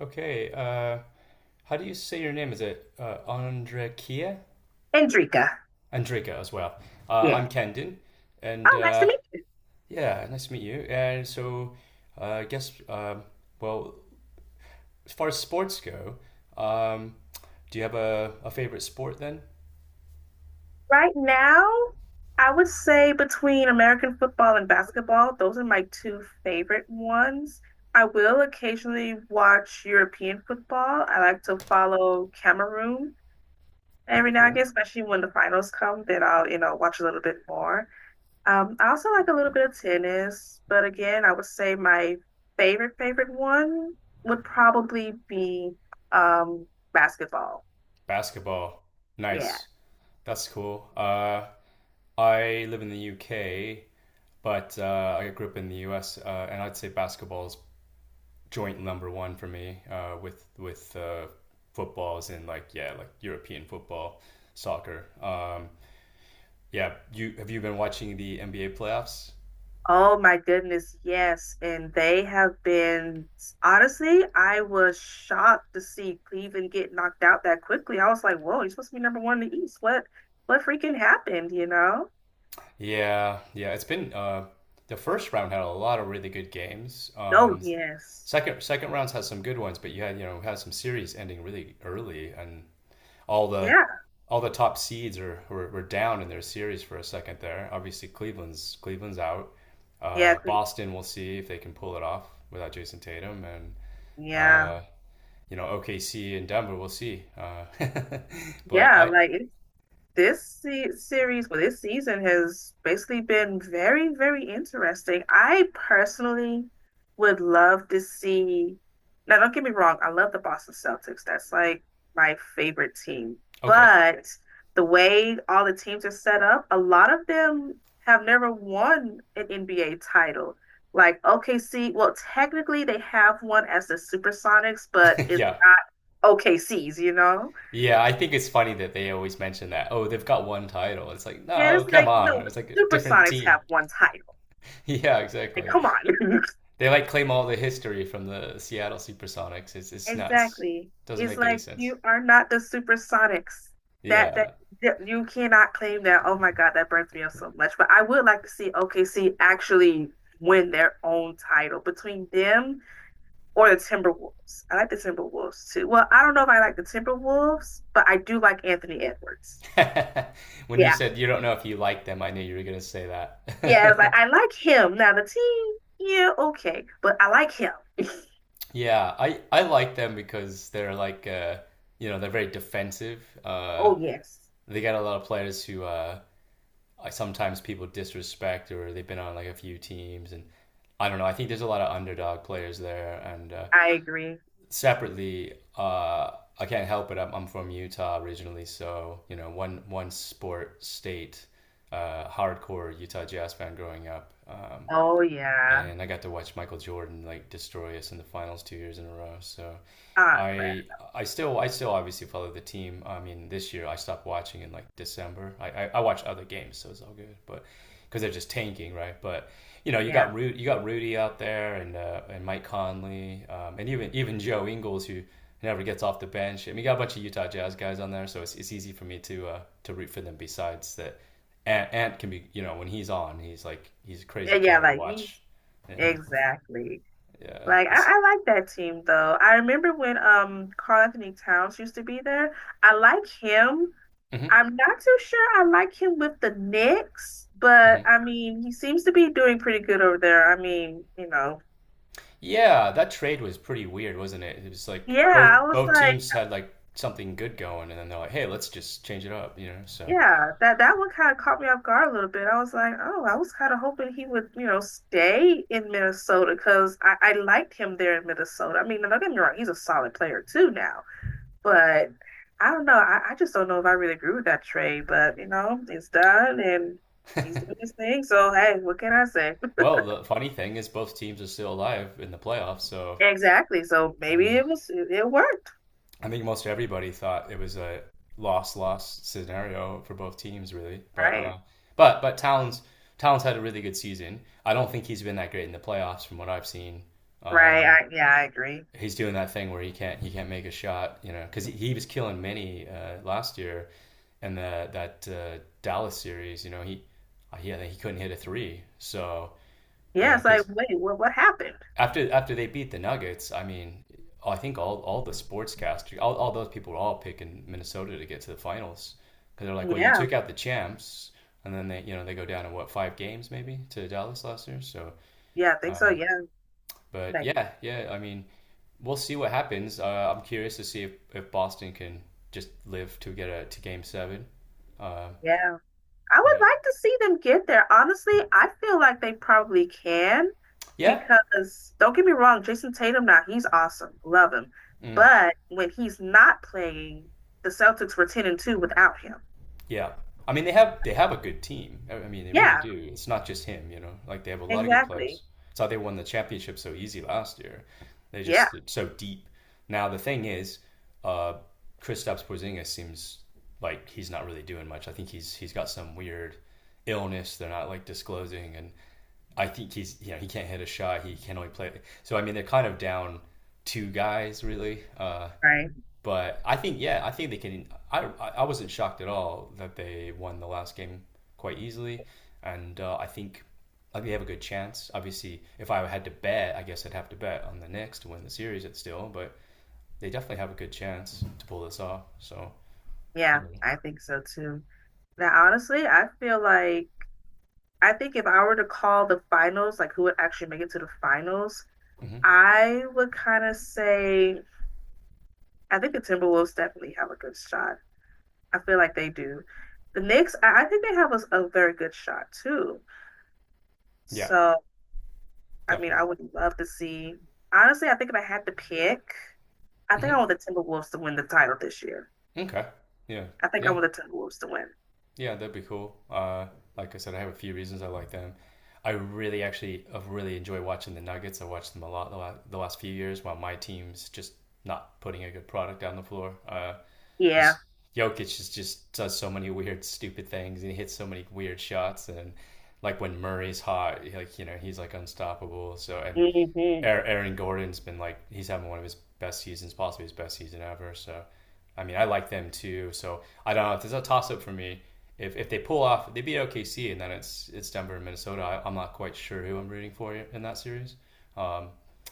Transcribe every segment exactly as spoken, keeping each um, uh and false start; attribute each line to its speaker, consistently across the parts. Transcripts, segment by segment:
Speaker 1: Okay. Uh, how do you say your name? Is it uh, Andrekia?
Speaker 2: Andrika.
Speaker 1: Andreka as well. Uh,
Speaker 2: Yeah.
Speaker 1: I'm Kendon,
Speaker 2: Oh,
Speaker 1: and
Speaker 2: nice to
Speaker 1: uh,
Speaker 2: meet you.
Speaker 1: yeah, nice to meet you. And so, uh, I guess, um, well, As far as sports go, um, do you have a, a favorite sport then?
Speaker 2: Right now, I would say between American football and basketball, those are my two favorite ones. I will occasionally watch European football. I like to follow Cameroon every now and again,
Speaker 1: Cool.
Speaker 2: especially when the finals come, then I'll, you know, watch a little bit more. Um, I also like a little bit of tennis, but again, I would say my favorite, favorite one would probably be um, basketball.
Speaker 1: Basketball.
Speaker 2: Yeah.
Speaker 1: Nice. That's cool. Uh, I live in the U K, but uh, I grew up in the U S, uh, and I'd say basketball is joint number one for me uh, with with uh, footballs in like yeah like European football, soccer. Um, yeah, you have you been watching the N B A playoffs?
Speaker 2: Oh my goodness, yes. And they have been, honestly, I was shocked to see Cleveland get knocked out that quickly. I was like, whoa, you're supposed to be number one in the East. What what freaking happened, you know?
Speaker 1: Yeah, yeah. It's been uh, the first round had a lot of really good games.
Speaker 2: No,
Speaker 1: Um,
Speaker 2: yes.
Speaker 1: second second rounds had some good ones, but you had you know had some series ending really early and all the
Speaker 2: Yeah.
Speaker 1: all the top seeds are were, were down in their series for a second there. Obviously, Cleveland's Cleveland's out.
Speaker 2: Yeah,
Speaker 1: Uh,
Speaker 2: Cle-
Speaker 1: Boston, we'll see if they can pull it off without Jason Tatum, and
Speaker 2: yeah.
Speaker 1: uh, you know O K C and Denver, we'll see. Uh, but
Speaker 2: Yeah,
Speaker 1: I
Speaker 2: like it's this se series, well, this season has basically been very, very interesting. I personally would love to see. Now, don't get me wrong, I love the Boston Celtics. That's like my favorite team.
Speaker 1: okay,
Speaker 2: But the way all the teams are set up, a lot of them have never won an N B A title. Like O K C, well, technically they have one as the Supersonics, but it's
Speaker 1: yeah,
Speaker 2: not O K C's, you know?
Speaker 1: yeah. I think it's funny that they always mention that. Oh, they've got one title. It's like
Speaker 2: Yeah, it's
Speaker 1: no, come
Speaker 2: like, no,
Speaker 1: on. It's
Speaker 2: the
Speaker 1: like a different
Speaker 2: Supersonics
Speaker 1: team.
Speaker 2: have one title.
Speaker 1: yeah,
Speaker 2: Like,
Speaker 1: exactly.
Speaker 2: come on.
Speaker 1: They like claim all the history from the Seattle SuperSonics. It's it's nuts.
Speaker 2: Exactly.
Speaker 1: Doesn't
Speaker 2: It's
Speaker 1: make any
Speaker 2: like
Speaker 1: sense.
Speaker 2: you are not the Supersonics. That that
Speaker 1: Yeah.
Speaker 2: that you cannot claim that. Oh my God, that burns me up so much. But I would like to see O K C actually win their own title between them or the Timberwolves. I like the Timberwolves too. Well, I don't know if I like the Timberwolves, but I do like Anthony Edwards.
Speaker 1: When you
Speaker 2: Yeah,
Speaker 1: said you don't know if you like them, I knew you were gonna say
Speaker 2: yeah. It's like
Speaker 1: that.
Speaker 2: I like him. Now the team, yeah, okay, but I like him.
Speaker 1: Yeah, I I like them because they're like uh you know, they're very defensive. Uh
Speaker 2: Oh yes.
Speaker 1: they got a lot of players who uh I- sometimes people disrespect or they've been on like a few teams and I don't know, I think there's a lot of underdog players there and uh
Speaker 2: I agree.
Speaker 1: separately, uh, I can't help it. I'm, I'm from Utah originally, so you know, one one sport state, uh, hardcore Utah Jazz fan growing up. Um,
Speaker 2: Oh yeah.
Speaker 1: and I got to watch Michael Jordan like destroy us in the finals two years in a row. So
Speaker 2: Ah, crap.
Speaker 1: I I still I still obviously follow the team. I mean, this year I stopped watching in like December. I I, I watch other games, so it's all good, but because they're just tanking, right? But you know, you
Speaker 2: Yeah.
Speaker 1: got Ru- you got Rudy out there and uh, and Mike Conley, um, and even even Joe Ingles who never gets off the bench. I mean, you got a bunch of Utah Jazz guys on there, so it's it's easy for me to uh, to root for them. Besides that, Ant, Ant can be you know when he's on, he's like he's a crazy
Speaker 2: Yeah, yeah,
Speaker 1: player to
Speaker 2: like
Speaker 1: watch
Speaker 2: he's,
Speaker 1: yeah,
Speaker 2: exactly.
Speaker 1: yeah.
Speaker 2: Like I,
Speaker 1: This.
Speaker 2: I like that team though. I remember when um Karl Anthony Towns used to be there. I like him.
Speaker 1: Hmm
Speaker 2: I'm not too sure I like him with the Knicks, but
Speaker 1: hmm.
Speaker 2: I mean he seems to be doing pretty good over there. I mean, you know.
Speaker 1: Yeah, that trade was pretty weird, wasn't it? It was like
Speaker 2: Yeah,
Speaker 1: both
Speaker 2: I was
Speaker 1: both
Speaker 2: like.
Speaker 1: teams had like something good going, and then they're like, "Hey, let's just change it up," you know. So,
Speaker 2: Yeah, that that one kind of caught me off guard a little bit. I was like, oh, I was kind of hoping he would, you know, stay in Minnesota because I, I liked him there in Minnesota. I mean, don't get me wrong, he's a solid player too now, but I don't know. I, I just don't know if I really agree with that trade, but you know, it's done and he's doing his thing. So hey, what can I say?
Speaker 1: well, the funny thing is, both teams are still alive in the playoffs. So,
Speaker 2: Exactly. So
Speaker 1: I
Speaker 2: maybe
Speaker 1: mean,
Speaker 2: it was it, it worked.
Speaker 1: I think most everybody thought it was a loss loss scenario for both teams, really. But
Speaker 2: Right.
Speaker 1: uh, but but Towns Towns had a really good season. I don't think he's been that great in the playoffs, from what I've seen.
Speaker 2: Right.
Speaker 1: Um,
Speaker 2: I, yeah, I agree.
Speaker 1: he's doing that thing where he can't he can't make a shot, you know, because he, was killing many uh, last year, and the, that uh, Dallas series, you know, he yeah he he couldn't hit a three, so you
Speaker 2: Yeah,
Speaker 1: know,
Speaker 2: it's like,
Speaker 1: because
Speaker 2: wait, what what happened?
Speaker 1: after after they beat the Nuggets, I mean, I think all all the sportscasters, all, all those people were all picking Minnesota to get to the finals because they're like, well, you
Speaker 2: Yeah.
Speaker 1: took out the champs, and then they you know they go down to what five games maybe to Dallas last year, so.
Speaker 2: Yeah, I think so.
Speaker 1: Uh,
Speaker 2: Yeah.
Speaker 1: but
Speaker 2: Like,
Speaker 1: yeah, yeah, I mean, we'll see what happens. Uh, I'm curious to see if, if Boston can just live to get a, to game seven. Uh,
Speaker 2: yeah. I
Speaker 1: yeah.
Speaker 2: would like to see them get there. Honestly, I feel like they probably can,
Speaker 1: Yeah.
Speaker 2: because don't get me wrong, Jason Tatum now, he's awesome. Love him.
Speaker 1: Mm.
Speaker 2: But when he's not playing, the Celtics were ten and two without him.
Speaker 1: Yeah. I mean, they have they have a good team. I I mean, they really
Speaker 2: Yeah,
Speaker 1: do. It's not just him, you know. Like they have a lot of good players.
Speaker 2: exactly.
Speaker 1: It's how they won the championship so easy last year. They're
Speaker 2: Yeah,
Speaker 1: just so deep. Now the thing is, uh, Kristaps Porzingis seems like he's not really doing much. I think he's he's got some weird illness they're not like disclosing, and I think he's you know he can't hit a shot. He can only play. So I mean, they're kind of down two guys really. Uh,
Speaker 2: right.
Speaker 1: but I think, yeah, I think they can. I, I wasn't shocked at all that they won the last game quite easily, and uh, I think like they have a good chance. Obviously, if I had to bet, I guess I'd have to bet on the Knicks to win the series. It's still, but they definitely have a good chance to pull this off. So, you
Speaker 2: Yeah,
Speaker 1: know,
Speaker 2: I think so too. Now, honestly, I feel like I think if I were to call the finals, like who would actually make it to the finals,
Speaker 1: hmm,
Speaker 2: I would kind of say I think the Timberwolves definitely have a good shot. I feel like they do. The Knicks, I, I think they have a, a very good shot too.
Speaker 1: yeah,
Speaker 2: So, I mean, I
Speaker 1: definitely.
Speaker 2: would love to see. Honestly, I think if I had to pick, I think I
Speaker 1: Hmm.
Speaker 2: want the Timberwolves to win the title this year.
Speaker 1: Okay, yeah,
Speaker 2: I think I
Speaker 1: yeah.
Speaker 2: want the Timberwolves to win.
Speaker 1: Yeah, that'd be cool. Uh, like I said, I have a few reasons I like them. I really actually I really enjoy watching the Nuggets. I watched them a lot the la- the last few years while my team's just not putting a good product on the floor. Uh,
Speaker 2: Yeah.
Speaker 1: just Jokic just just does so many weird, stupid things, and he hits so many weird shots. And like when Murray's hot, like you know he's like unstoppable. So and
Speaker 2: hmm
Speaker 1: Er, Aaron Gordon's been like he's having one of his best seasons, possibly his best season ever. So I mean, I like them too. So I don't know. It's a toss up for me. If, if they pull off, they beat O K C, and then it's it's Denver and Minnesota. I, I'm not quite sure who I'm rooting for in that series. Um,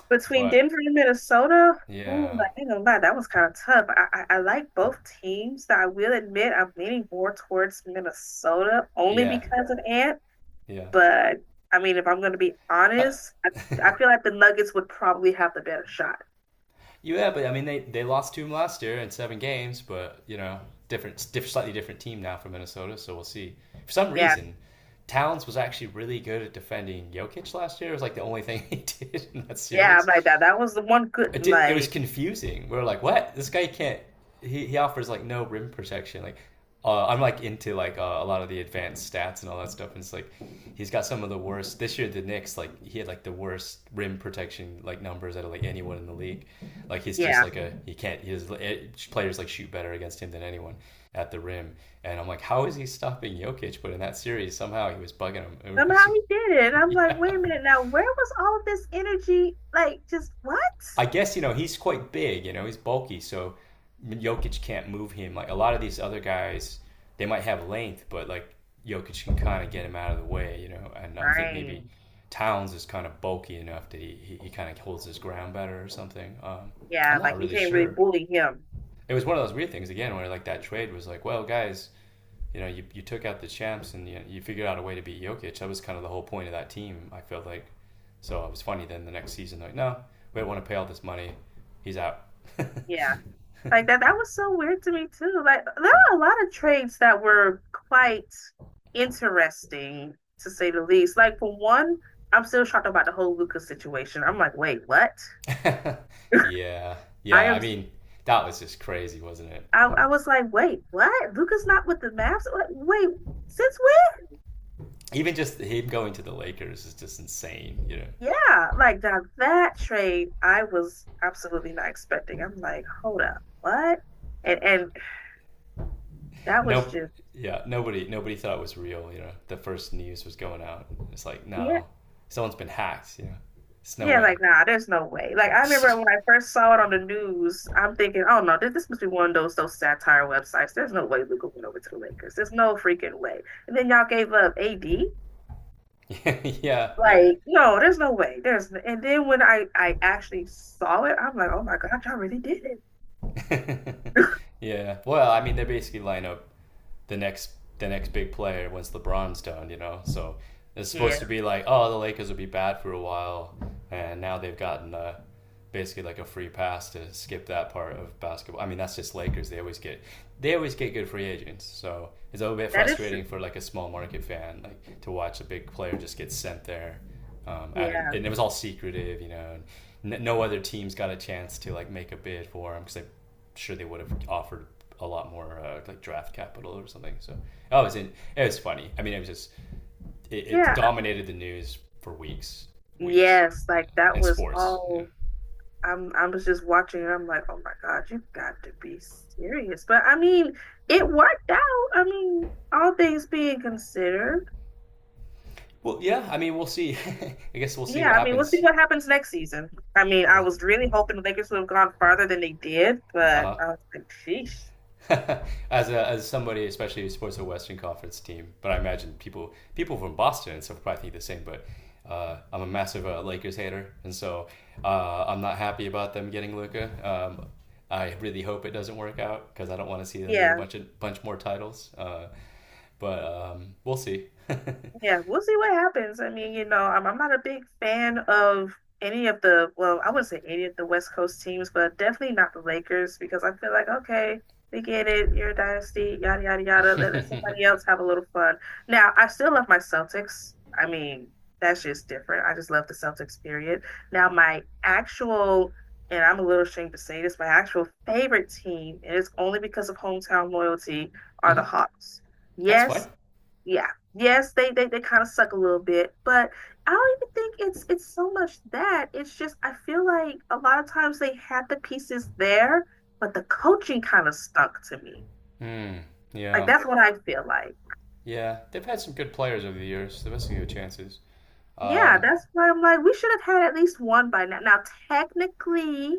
Speaker 2: Between
Speaker 1: but
Speaker 2: Denver and Minnesota, ooh,
Speaker 1: yeah,
Speaker 2: like, I ain't gonna lie, that was kind of tough. I, I, I like both teams. I will admit I'm leaning more towards Minnesota only
Speaker 1: yeah,
Speaker 2: because of Ant.
Speaker 1: yeah.
Speaker 2: But I mean, if I'm going to be
Speaker 1: Uh,
Speaker 2: honest, I, I feel like the Nuggets would probably have the better shot.
Speaker 1: yeah, but I mean, they, they lost to him last year in seven games, but you know, different, diff- slightly different team now from Minnesota. So we'll see. For some
Speaker 2: Yeah,
Speaker 1: reason, Towns was actually really good at defending Jokic last year. It was like the only thing he did in that
Speaker 2: yeah, I'm
Speaker 1: series
Speaker 2: like that. That was the one good,
Speaker 1: it, did, it was
Speaker 2: like,
Speaker 1: confusing. We were like, what? This guy can't. He, he offers like no rim protection. Like, uh, I'm like into like uh, a lot of the advanced stats and all that stuff. And it's like he's got some of the worst this year. The Knicks like he had like the worst rim protection like numbers out of like anyone in the league. Like he's just
Speaker 2: yeah.
Speaker 1: like a he can't his players like shoot better against him than anyone at the rim. And I'm like, how is he stopping Jokic? But in that series, somehow he was bugging him. It
Speaker 2: Somehow
Speaker 1: was,
Speaker 2: he did it. I'm like, wait
Speaker 1: yeah.
Speaker 2: a minute now, where was all of this energy? Like, just what?
Speaker 1: I guess you know he's quite big. You know he's bulky, so Jokic can't move him. Like a lot of these other guys, they might have length, but like Jokic can kind of get him out of the way. You know, and I think
Speaker 2: Right.
Speaker 1: maybe Towns is kind of bulky enough that he he, he kind of holds his ground better or something. Um, I'm
Speaker 2: Yeah,
Speaker 1: not
Speaker 2: like you
Speaker 1: really
Speaker 2: can't really
Speaker 1: sure.
Speaker 2: bully him.
Speaker 1: It was one of those weird things again where like that trade was like, well, guys, you know, you, you took out the champs and you, you figured out a way to beat Jokic. That was kind of the whole point of that team, I felt like. So it was funny then the next season, like, no, we don't want to pay all this money. He's out.
Speaker 2: Yeah. Like that that was so weird to me too. Like, there were a lot of trades that were quite interesting, to say the least. Like, for one, I'm still shocked about the whole Lucas situation. I'm like, wait, what?
Speaker 1: yeah.
Speaker 2: I
Speaker 1: Yeah. I
Speaker 2: am.
Speaker 1: mean, that was just crazy, wasn't it?
Speaker 2: I, I
Speaker 1: Like,
Speaker 2: was like, wait, what? Luca's not with the Mavs. Like, wait, since
Speaker 1: even just him going to the Lakers is just insane, you know.
Speaker 2: when? Yeah, like now, that trade, I was absolutely not expecting. I'm like, hold up, what? And and that was
Speaker 1: No,
Speaker 2: just,
Speaker 1: yeah, nobody nobody thought it was real, you know. The first news was going out. It's like,
Speaker 2: yeah.
Speaker 1: no, someone's been hacked, you know. It's no
Speaker 2: Yeah,
Speaker 1: way.
Speaker 2: like nah, there's no way. Like, I remember when I first saw it on the news, I'm thinking, oh no, this, this must be one of those those satire websites. There's no way Luca went over to the Lakers. There's no freaking way. And then y'all gave up A D.
Speaker 1: yeah, yeah.
Speaker 2: Like, no, there's no way. There's And then when I I actually saw it, I'm like, oh my God, y'all really did it.
Speaker 1: yeah. Well, I mean, they basically line up the next the next big player once LeBron's done, you know. So it's supposed
Speaker 2: Yeah,
Speaker 1: to be like, oh, the Lakers will be bad for a while, and now they've gotten uh, basically like a free pass to skip that part of basketball. I mean, that's just Lakers. They always get they always get good free agents. So it's a little bit
Speaker 2: that is true.
Speaker 1: frustrating for like a small market fan like to watch a big player just get sent there. Um, at an,
Speaker 2: Yeah.
Speaker 1: and it was all secretive, you know. And, no other teams got a chance to like make a bid for him because they sure they would have offered a lot more uh, like draft capital or something. So oh, it was in, it was funny. I mean, it was just it, it
Speaker 2: Yeah. I-
Speaker 1: dominated the news for weeks, weeks
Speaker 2: Yes, like that
Speaker 1: in
Speaker 2: was
Speaker 1: sports. Yeah.
Speaker 2: all. I'm I was just watching and I'm like, oh my God, you have got to be serious. But I mean, it worked out. I mean, all things being considered.
Speaker 1: Well, yeah. I mean, we'll see. I guess we'll see
Speaker 2: Yeah,
Speaker 1: what
Speaker 2: I mean, we'll see
Speaker 1: happens.
Speaker 2: what happens next season. I mean, I
Speaker 1: Yeah.
Speaker 2: was really hoping the Lakers would have gone farther than they did,
Speaker 1: Uh
Speaker 2: but
Speaker 1: huh.
Speaker 2: I was like, sheesh.
Speaker 1: as a, as somebody, especially who supports a Western Conference team, but I imagine people people from Boston and stuff probably think the same. But uh, I'm a massive uh, Lakers hater, and so uh, I'm not happy about them getting Luca. Um, I really hope it doesn't work out because I don't want to see them get a
Speaker 2: Yeah.
Speaker 1: bunch of bunch more titles. Uh, but um, we'll see.
Speaker 2: Yeah, we'll see what happens. I mean, you know, I'm, I'm not a big fan of any of the, well, I wouldn't say any of the West Coast teams, but definitely not the Lakers, because I feel like, okay, we get it. You're a dynasty, yada, yada, yada. Let, let
Speaker 1: Hmm.
Speaker 2: somebody else have a little fun. Now, I still love my Celtics. I mean, that's just different. I just love the Celtics, period. Now, my actual, and I'm a little ashamed to say this, my actual favorite team, and it's only because of hometown loyalty, are the Hawks.
Speaker 1: That's fine.
Speaker 2: Yes, yeah, yes, they they, they kind of suck a little bit, but I don't even think it's it's so much that. It's just, I feel like a lot of times they had the pieces there, but the coaching kind of stunk to me.
Speaker 1: Hmm.
Speaker 2: Like,
Speaker 1: Yeah,
Speaker 2: that's what I feel like.
Speaker 1: yeah. They've had some good players over the years. They're missing their chances.
Speaker 2: Yeah,
Speaker 1: Um,
Speaker 2: that's why I'm like, we should have had at least one by now. Now, technically,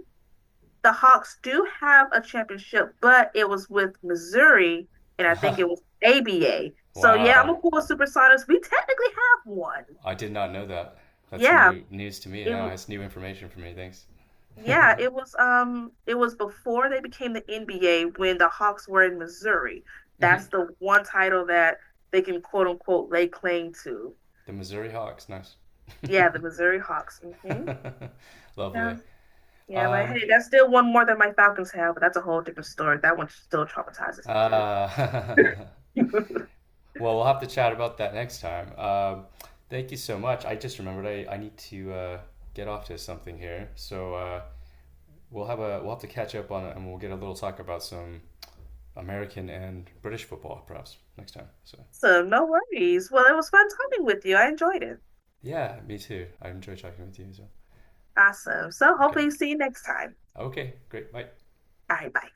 Speaker 2: the Hawks do have a championship, but it was with Missouri, and I think it was A B A, so yeah, I'm
Speaker 1: wow.
Speaker 2: a cool with Supersonics, we technically have one.
Speaker 1: I did not know that. That's
Speaker 2: yeah
Speaker 1: new news to me now.
Speaker 2: it
Speaker 1: It's new information for me. Thanks.
Speaker 2: Yeah,
Speaker 1: hmm.
Speaker 2: it was um it was before they became the N B A, when the Hawks were in Missouri. That's the one title that they can quote unquote lay claim to.
Speaker 1: The Missouri Hawks. Nice.
Speaker 2: Yeah, the Missouri Hawks. Hmm.
Speaker 1: Lovely.
Speaker 2: Yeah. Yeah, but
Speaker 1: Um,
Speaker 2: hey, that's still one more than my Falcons have, but that's a whole different story. That one still traumatizes me to it.
Speaker 1: uh, well, we'll have to chat about that next time. Um, thank you so much. I just remembered I, I need to uh, get off to something here. So uh, we'll have a we'll have to catch up on it, and we'll get a little talk about some American and British football perhaps next time. So
Speaker 2: So no worries. Well, it was fun talking with you. I enjoyed it.
Speaker 1: yeah, me too. I enjoy talking with you as well.
Speaker 2: Awesome. So
Speaker 1: Okay.
Speaker 2: hopefully see you next time.
Speaker 1: Okay, great. Bye.
Speaker 2: All right, bye.